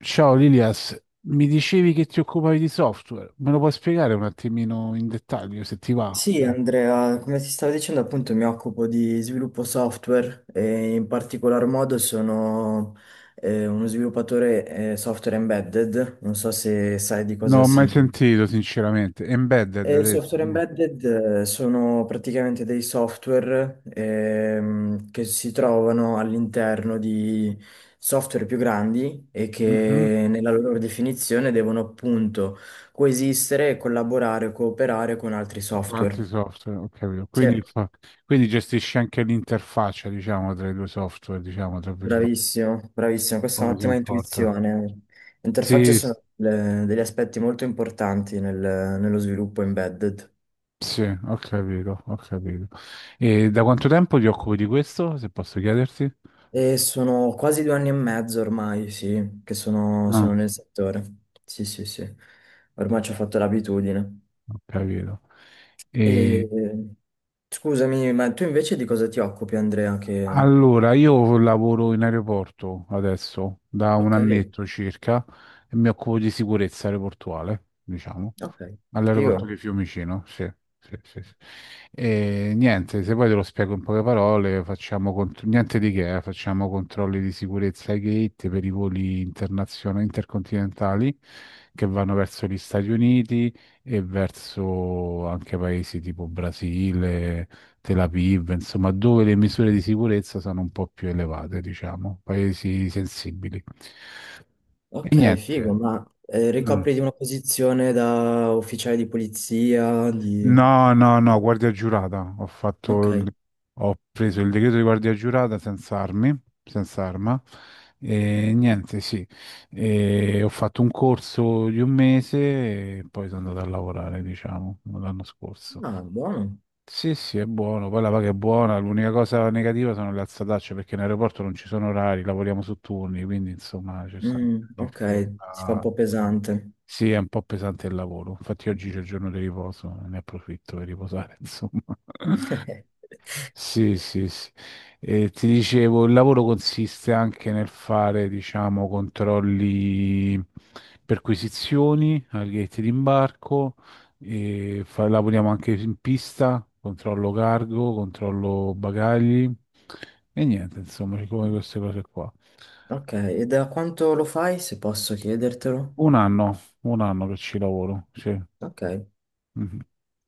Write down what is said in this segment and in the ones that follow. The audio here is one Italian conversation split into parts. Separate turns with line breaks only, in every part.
Ciao Lilias, mi dicevi che ti occupavi di software, me lo puoi spiegare un attimino in dettaglio se ti va?
Sì, Andrea, come ti stavo dicendo, appunto mi occupo di sviluppo software e in particolar modo sono uno sviluppatore software embedded, non so se sai di
Non
cosa
ho mai
si...
sentito, sinceramente. Embedded,
Eh,
hai
Il
detto,
software
no?
embedded sono praticamente dei software che si trovano all'interno di software più grandi e
Mhm.
che nella loro definizione devono appunto coesistere, collaborare, cooperare con altri
Con altri
software.
software, ho capito.
Sì.
Quindi, quindi gestisci anche l'interfaccia, diciamo, tra i due software, diciamo, tra virgolette,
Bravissimo, bravissimo, questa è
come si
un'ottima
comporta.
intuizione. Le interfacce
Sì,
sono degli aspetti molto importanti nello sviluppo embedded
sì, ho capito, ho capito. E da quanto tempo ti occupi di questo, se posso chiederti?
e sono quasi 2 anni e mezzo ormai, sì, che sono, sono
Ah,
nel settore. Sì, sì, sì, ormai ci ho fatto l'abitudine.
ho capito.
E scusami, ma tu invece di cosa ti occupi, Andrea? Che...
Allora, io lavoro in aeroporto adesso da un
Ok,
annetto circa e mi occupo di sicurezza aeroportuale, diciamo,
ok,
all'aeroporto
figo.
di Fiumicino, sì. Sì, sì, sì. E niente, se poi te lo spiego in poche parole, facciamo niente di che, facciamo controlli di sicurezza ai gate per i voli internazionali intercontinentali che vanno verso gli Stati Uniti e verso anche paesi tipo Brasile, Tel Aviv, insomma, dove le misure di sicurezza sono un po' più elevate, diciamo, paesi sensibili. E
Ok,
niente.
figo, ma
Mm.
ricopri di una posizione da ufficiale di polizia, di...
No, no, no, guardia giurata.
Ok,
Ho preso il decreto di guardia giurata senza armi, senza arma. E niente, sì. E ho fatto un corso di un mese e poi sono andato a lavorare, diciamo, l'anno scorso.
ah, buono.
Sì, sì, è buono, poi la paga è buona, l'unica cosa negativa sono le alzatacce perché in aeroporto non ci sono orari, lavoriamo su turni, quindi insomma c'è stanno
Mm, ok, si fa un
difficoltà.
po' pesante.
Sì, è un po' pesante il lavoro, infatti oggi c'è il giorno di riposo, ne approfitto per riposare, insomma. Sì, sì, sì. Ti dicevo, il lavoro consiste anche nel fare, diciamo, controlli perquisizioni al gate d'imbarco, e lavoriamo anche in pista, controllo cargo, controllo bagagli e niente, insomma, come queste cose qua.
Ok, e da quanto lo fai, se posso chiedertelo?
Un anno che ci lavoro, sì.
Ok, e
Mhm.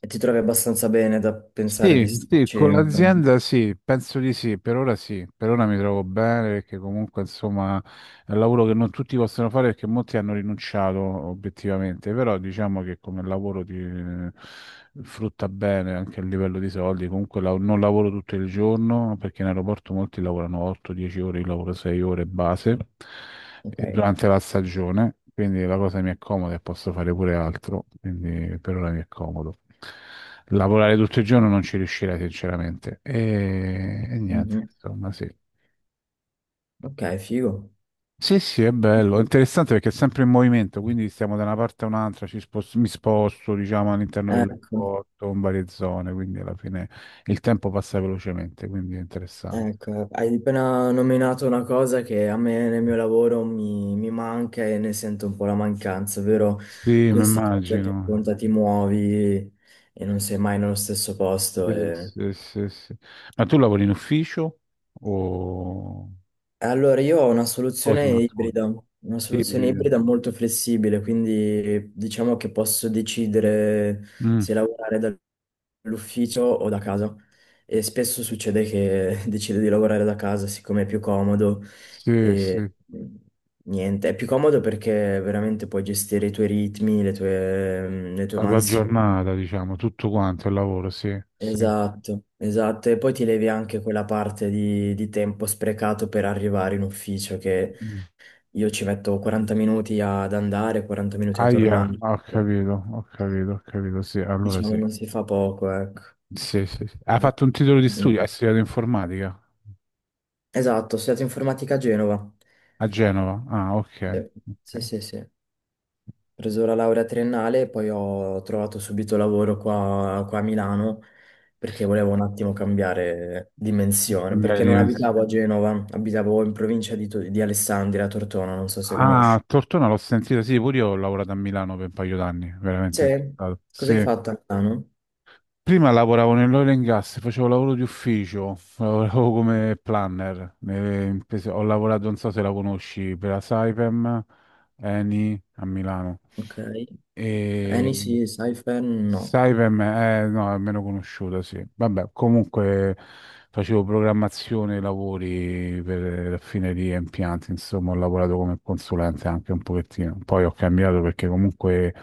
ti trovi abbastanza bene da pensare di
Sì, sì,
starci
con
per...
l'azienda sì, penso di sì, per ora mi trovo bene perché comunque insomma è un lavoro che non tutti possono fare perché molti hanno rinunciato obiettivamente, però diciamo che come lavoro ti frutta bene anche a livello di soldi. Comunque non lavoro tutto il giorno perché in aeroporto molti lavorano 8-10 ore, io lavoro 6 ore base
Ok,
e durante la stagione, quindi la cosa mi è comoda e posso fare pure altro, quindi per ora mi è comodo. Lavorare tutto il giorno non ci riuscirei sinceramente. E niente,
mhm.
insomma, sì.
Ok, figo.
Sì, sì, è bello, è interessante perché è sempre in movimento, quindi stiamo da una parte a un'altra, mi sposto, diciamo, all'interno
Ecco.
dell'aeroporto, in varie zone, quindi alla fine il tempo passa velocemente, quindi è interessante.
Ecco, hai appena nominato una cosa che a me nel mio lavoro mi manca e ne sento un po' la mancanza, ovvero
Sì, mi
questa cosa che
immagino.
conta ti muovi e non sei mai nello stesso posto.
Sì,
E...
sì, sì, sì. Ma tu lavori in ufficio o,
Allora, io ho
o smart working?
una soluzione
Ibrido.
ibrida molto flessibile, quindi diciamo che posso decidere
Mm,
se lavorare dall'ufficio o da casa. E spesso succede che decido di lavorare da casa siccome è più comodo
sì, sì,
e niente, è più comodo perché veramente puoi gestire i tuoi ritmi, le tue
la tua
mansioni.
giornata, diciamo, tutto quanto il lavoro, sì, sì.
Esatto, esatto, e poi ti levi anche quella parte di tempo sprecato per arrivare in ufficio che
Mm.
io ci metto 40 minuti ad andare, 40 minuti a
Aia,
tornare.
ho capito, ho capito, ho capito, sì, allora
Diciamo
sì.
non si fa poco, ecco.
Sì, sì, sì. Ha fatto un titolo di studio, ha
Mm.
studiato informatica
Esatto, ho studiato informatica a Genova.
a Genova. Ah, ok,
Eh, Sì,
ok.
sì, sì. Ho preso la laurea triennale e poi ho trovato subito lavoro qua, qua a Milano perché volevo un attimo cambiare dimensione,
Cambiare
perché non
dimensione.
abitavo a Genova, abitavo in provincia di Alessandria, a Tortona, non so se
Ah,
conosci.
Tortona l'ho sentita, sì, pure io ho lavorato a Milano per un paio d'anni,
Sì,
veramente. Impegnato.
cosa hai
Sì.
fatto a Milano?
Prima lavoravo nell'oil and gas, facevo lavoro di ufficio, lavoravo come planner. Ho lavorato, non so se la conosci, per la Saipem, Eni a Milano.
Ok.
E
Eni sì, Saifen no.
sai per me, no, è meno conosciuta, sì. Vabbè, comunque facevo programmazione lavori per raffinerie e impianti, insomma, ho lavorato come consulente anche un pochettino. Poi ho cambiato perché comunque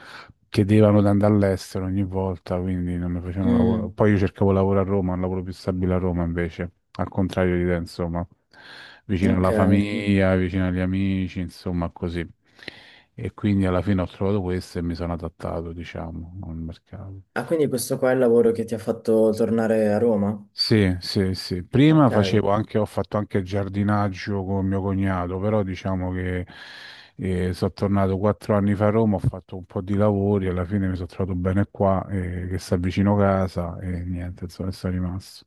chiedevano di andare all'estero ogni volta, quindi non mi facevano lavoro.
Mm,
Poi io cercavo lavoro a Roma, un lavoro più stabile a Roma invece, al contrario di te, insomma, vicino
ok.
alla famiglia, vicino agli amici, insomma, così. E quindi alla fine ho trovato questo e mi sono adattato, diciamo, al mercato.
Ah, quindi questo qua è il lavoro che ti ha fatto tornare a Roma?
Sì, sì, sì. Prima
Ok,
facevo anche, ho fatto anche il giardinaggio con mio cognato, però diciamo che sono tornato 4 anni fa a Roma, ho fatto un po' di lavori, alla fine mi sono trovato bene qua, che sta vicino casa e niente, insomma, sono rimasto.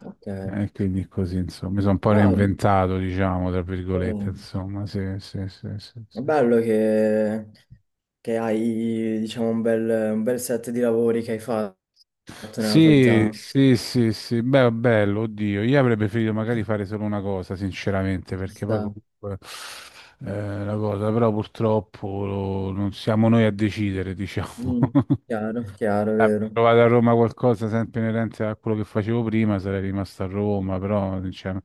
ok.
E quindi così, insomma, mi sono un po'
Però
reinventato, diciamo, tra
eh,
virgolette, insomma, sì, sì, sì, sì,
è
sì.
bello che hai, diciamo, un bel set di lavori che hai fatto nella tua
Sì,
vita.
sì, sì, sì, beh, bello, oddio, io avrei preferito magari fare solo una cosa, sinceramente,
Ci
perché poi
sta.
comunque la cosa, però purtroppo non siamo noi a decidere, diciamo.
Mm, chiaro, chiaro, vero.
Provate a Roma qualcosa sempre inerente a quello che facevo prima, sarei rimasto a Roma, però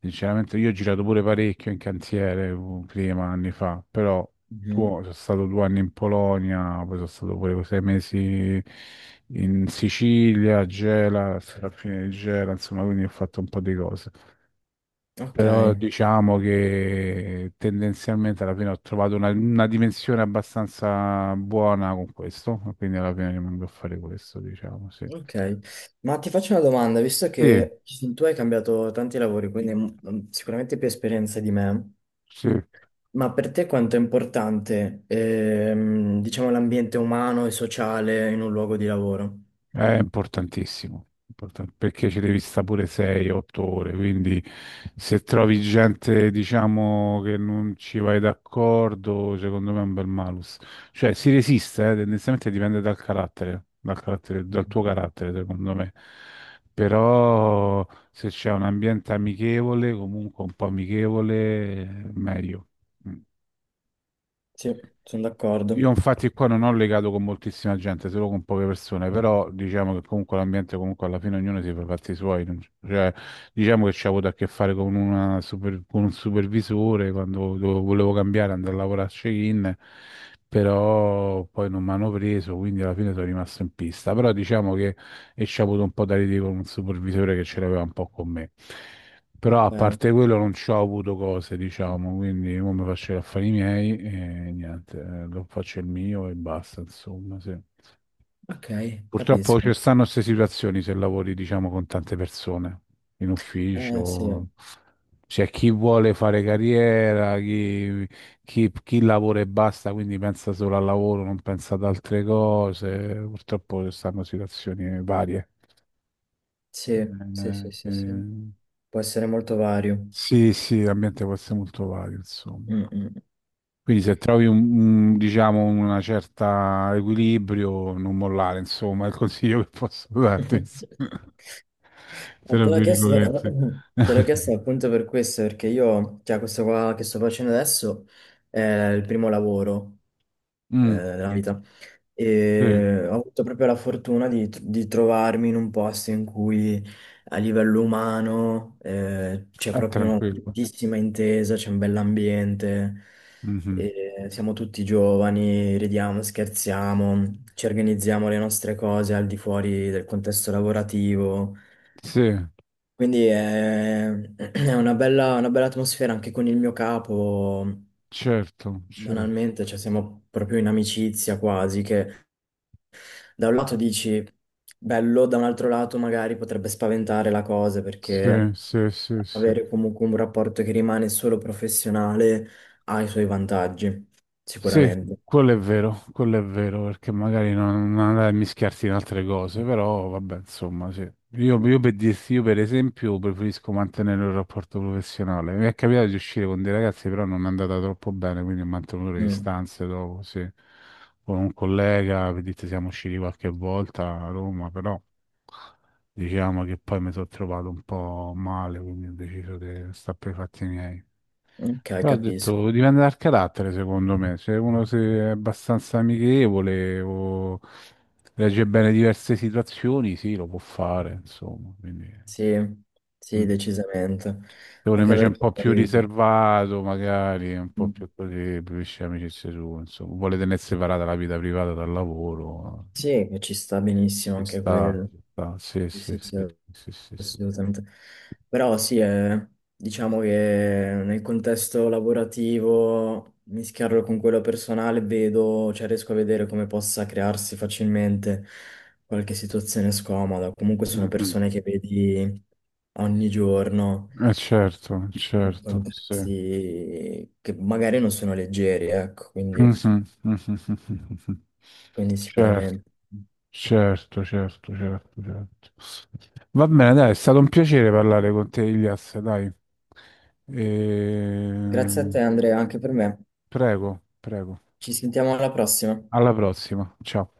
sinceramente io ho girato pure parecchio in cantiere prima, anni fa, però
Mhm.
sono stato 2 anni in Polonia, poi sono stato pure 6 mesi in Sicilia, a Gela, alla fine di Gela, insomma, quindi ho fatto un po' di cose
Ok,
però diciamo che tendenzialmente alla fine ho trovato una dimensione abbastanza buona con questo, quindi alla fine rimango a fare questo, diciamo, sì.
ok. Ma ti faccio una domanda, visto
Sì,
che tu hai cambiato tanti lavori, quindi sicuramente più esperienza di me.
sì.
Ma per te quanto è importante, diciamo, l'ambiente umano e sociale in un luogo di lavoro?
È importantissimo, perché ci devi stare pure 6-8 ore, quindi se trovi gente, diciamo, che non ci vai d'accordo, secondo me è un bel malus. Cioè, si resiste, tendenzialmente dipende dal carattere, dal
Mm.
tuo carattere, secondo me. Però se c'è un ambiente amichevole, comunque un po' amichevole, meglio. Mm.
Sì, sono
Io
d'accordo.
infatti qua non ho legato con moltissima gente, solo con poche persone, però diciamo che comunque l'ambiente, comunque alla fine ognuno si fa i fatti suoi, non c- cioè, diciamo che ci ho avuto a che fare con, con un supervisore quando volevo cambiare, andare a lavorare a check-in, però poi non mi hanno preso, quindi alla fine sono rimasto in pista, però diciamo che e ci ho avuto un po' da ridere con un supervisore che ce l'aveva un po' con me. Però
Ok,
a parte quello non ci ho avuto cose, diciamo, quindi io mi faccio gli affari miei e niente, lo faccio il mio e basta, insomma, sì.
ok,
Purtroppo
capisco.
ci stanno queste situazioni se lavori, diciamo, con tante persone in
Eh sì,
ufficio. C'è chi vuole fare carriera, chi, chi lavora e basta, quindi pensa solo al lavoro, non pensa ad altre cose. Purtroppo ci stanno situazioni varie.
sì, sì, sì,
Eh,
sì, sì.
eh,
Può essere molto vario.
sì, sì, l'ambiente può essere molto vario, insomma.
Mm, mm.
Quindi se trovi diciamo, una certa equilibrio, non mollare, insomma, è il consiglio che posso darti, insomma. Tra
Te l'ho chiesto,
virgolette.
te l'ho chiesto appunto per questo, perché io, cioè, questo qua che sto facendo adesso è il primo lavoro
Mm,
nella vita.
sì,
E ho avuto proprio la fortuna di trovarmi in un posto in cui a livello umano c'è
è
proprio una
tranquillo.
tantissima intesa, c'è un bell'ambiente,
Mhm.
e siamo tutti giovani, ridiamo, scherziamo, ci organizziamo le nostre cose al di fuori del contesto lavorativo.
Sì,
Quindi è, è una bella atmosfera anche con il mio capo,
certo, certo.
banalmente, cioè siamo proprio in amicizia quasi, che da un lato dici bello, da un altro lato magari potrebbe spaventare la cosa
Sì,
perché
sì, sì, sì.
avere comunque un rapporto che rimane solo professionale ha i suoi vantaggi,
Sì,
sicuramente.
quello è vero, perché magari non andare a mischiarsi in altre cose, però vabbè, insomma, sì. Io, per dirti, io per esempio preferisco mantenere un rapporto professionale. Mi è capitato di uscire con dei ragazzi, però non è andata troppo bene, quindi ho mantenuto le
Mm,
distanze dopo, sì. Con un collega, per dirti, siamo usciti qualche volta a Roma, però... Diciamo che poi mi sono trovato un po' male, quindi ho deciso di stare per i fatti miei.
ok,
Però ho
capisco.
detto, dipende dal carattere, secondo me. Se uno se è abbastanza amichevole o legge bene diverse situazioni, sì, lo può fare, insomma. Quindi,
Sì, sì,
mm.
decisamente.
Se uno
Anche
invece è un
perché
po' più
poi
riservato, magari, è un po'
mm,
più così, preferisce amicizie sue, insomma, vuole tenersi separata la vita privata dal lavoro,
sì, che ci sta benissimo
ci
anche
sta,
quello.
ci sta. Sì,
Sì,
sì,
sì, sì,
sì, sì, sì, sì.
assolutamente. Però sì, diciamo che nel contesto lavorativo, mischiarlo con quello personale, vedo, cioè riesco a vedere come possa crearsi facilmente qualche situazione scomoda. Comunque sono
Mhm.
persone che vedi ogni giorno,
Certo,
in
certo, sì.
contesti che magari non sono leggeri, ecco, quindi
Mhm, mhm, mhm, mhm.
quindi
Certo.
sicuramente.
Certo, certo, certo, certo. Va bene, dai, è stato un piacere parlare con te, Ilias, dai.
Grazie a te,
Ehm,
Andrea, anche per me.
Prego, prego.
Ci sentiamo alla prossima.
Alla prossima. Ciao.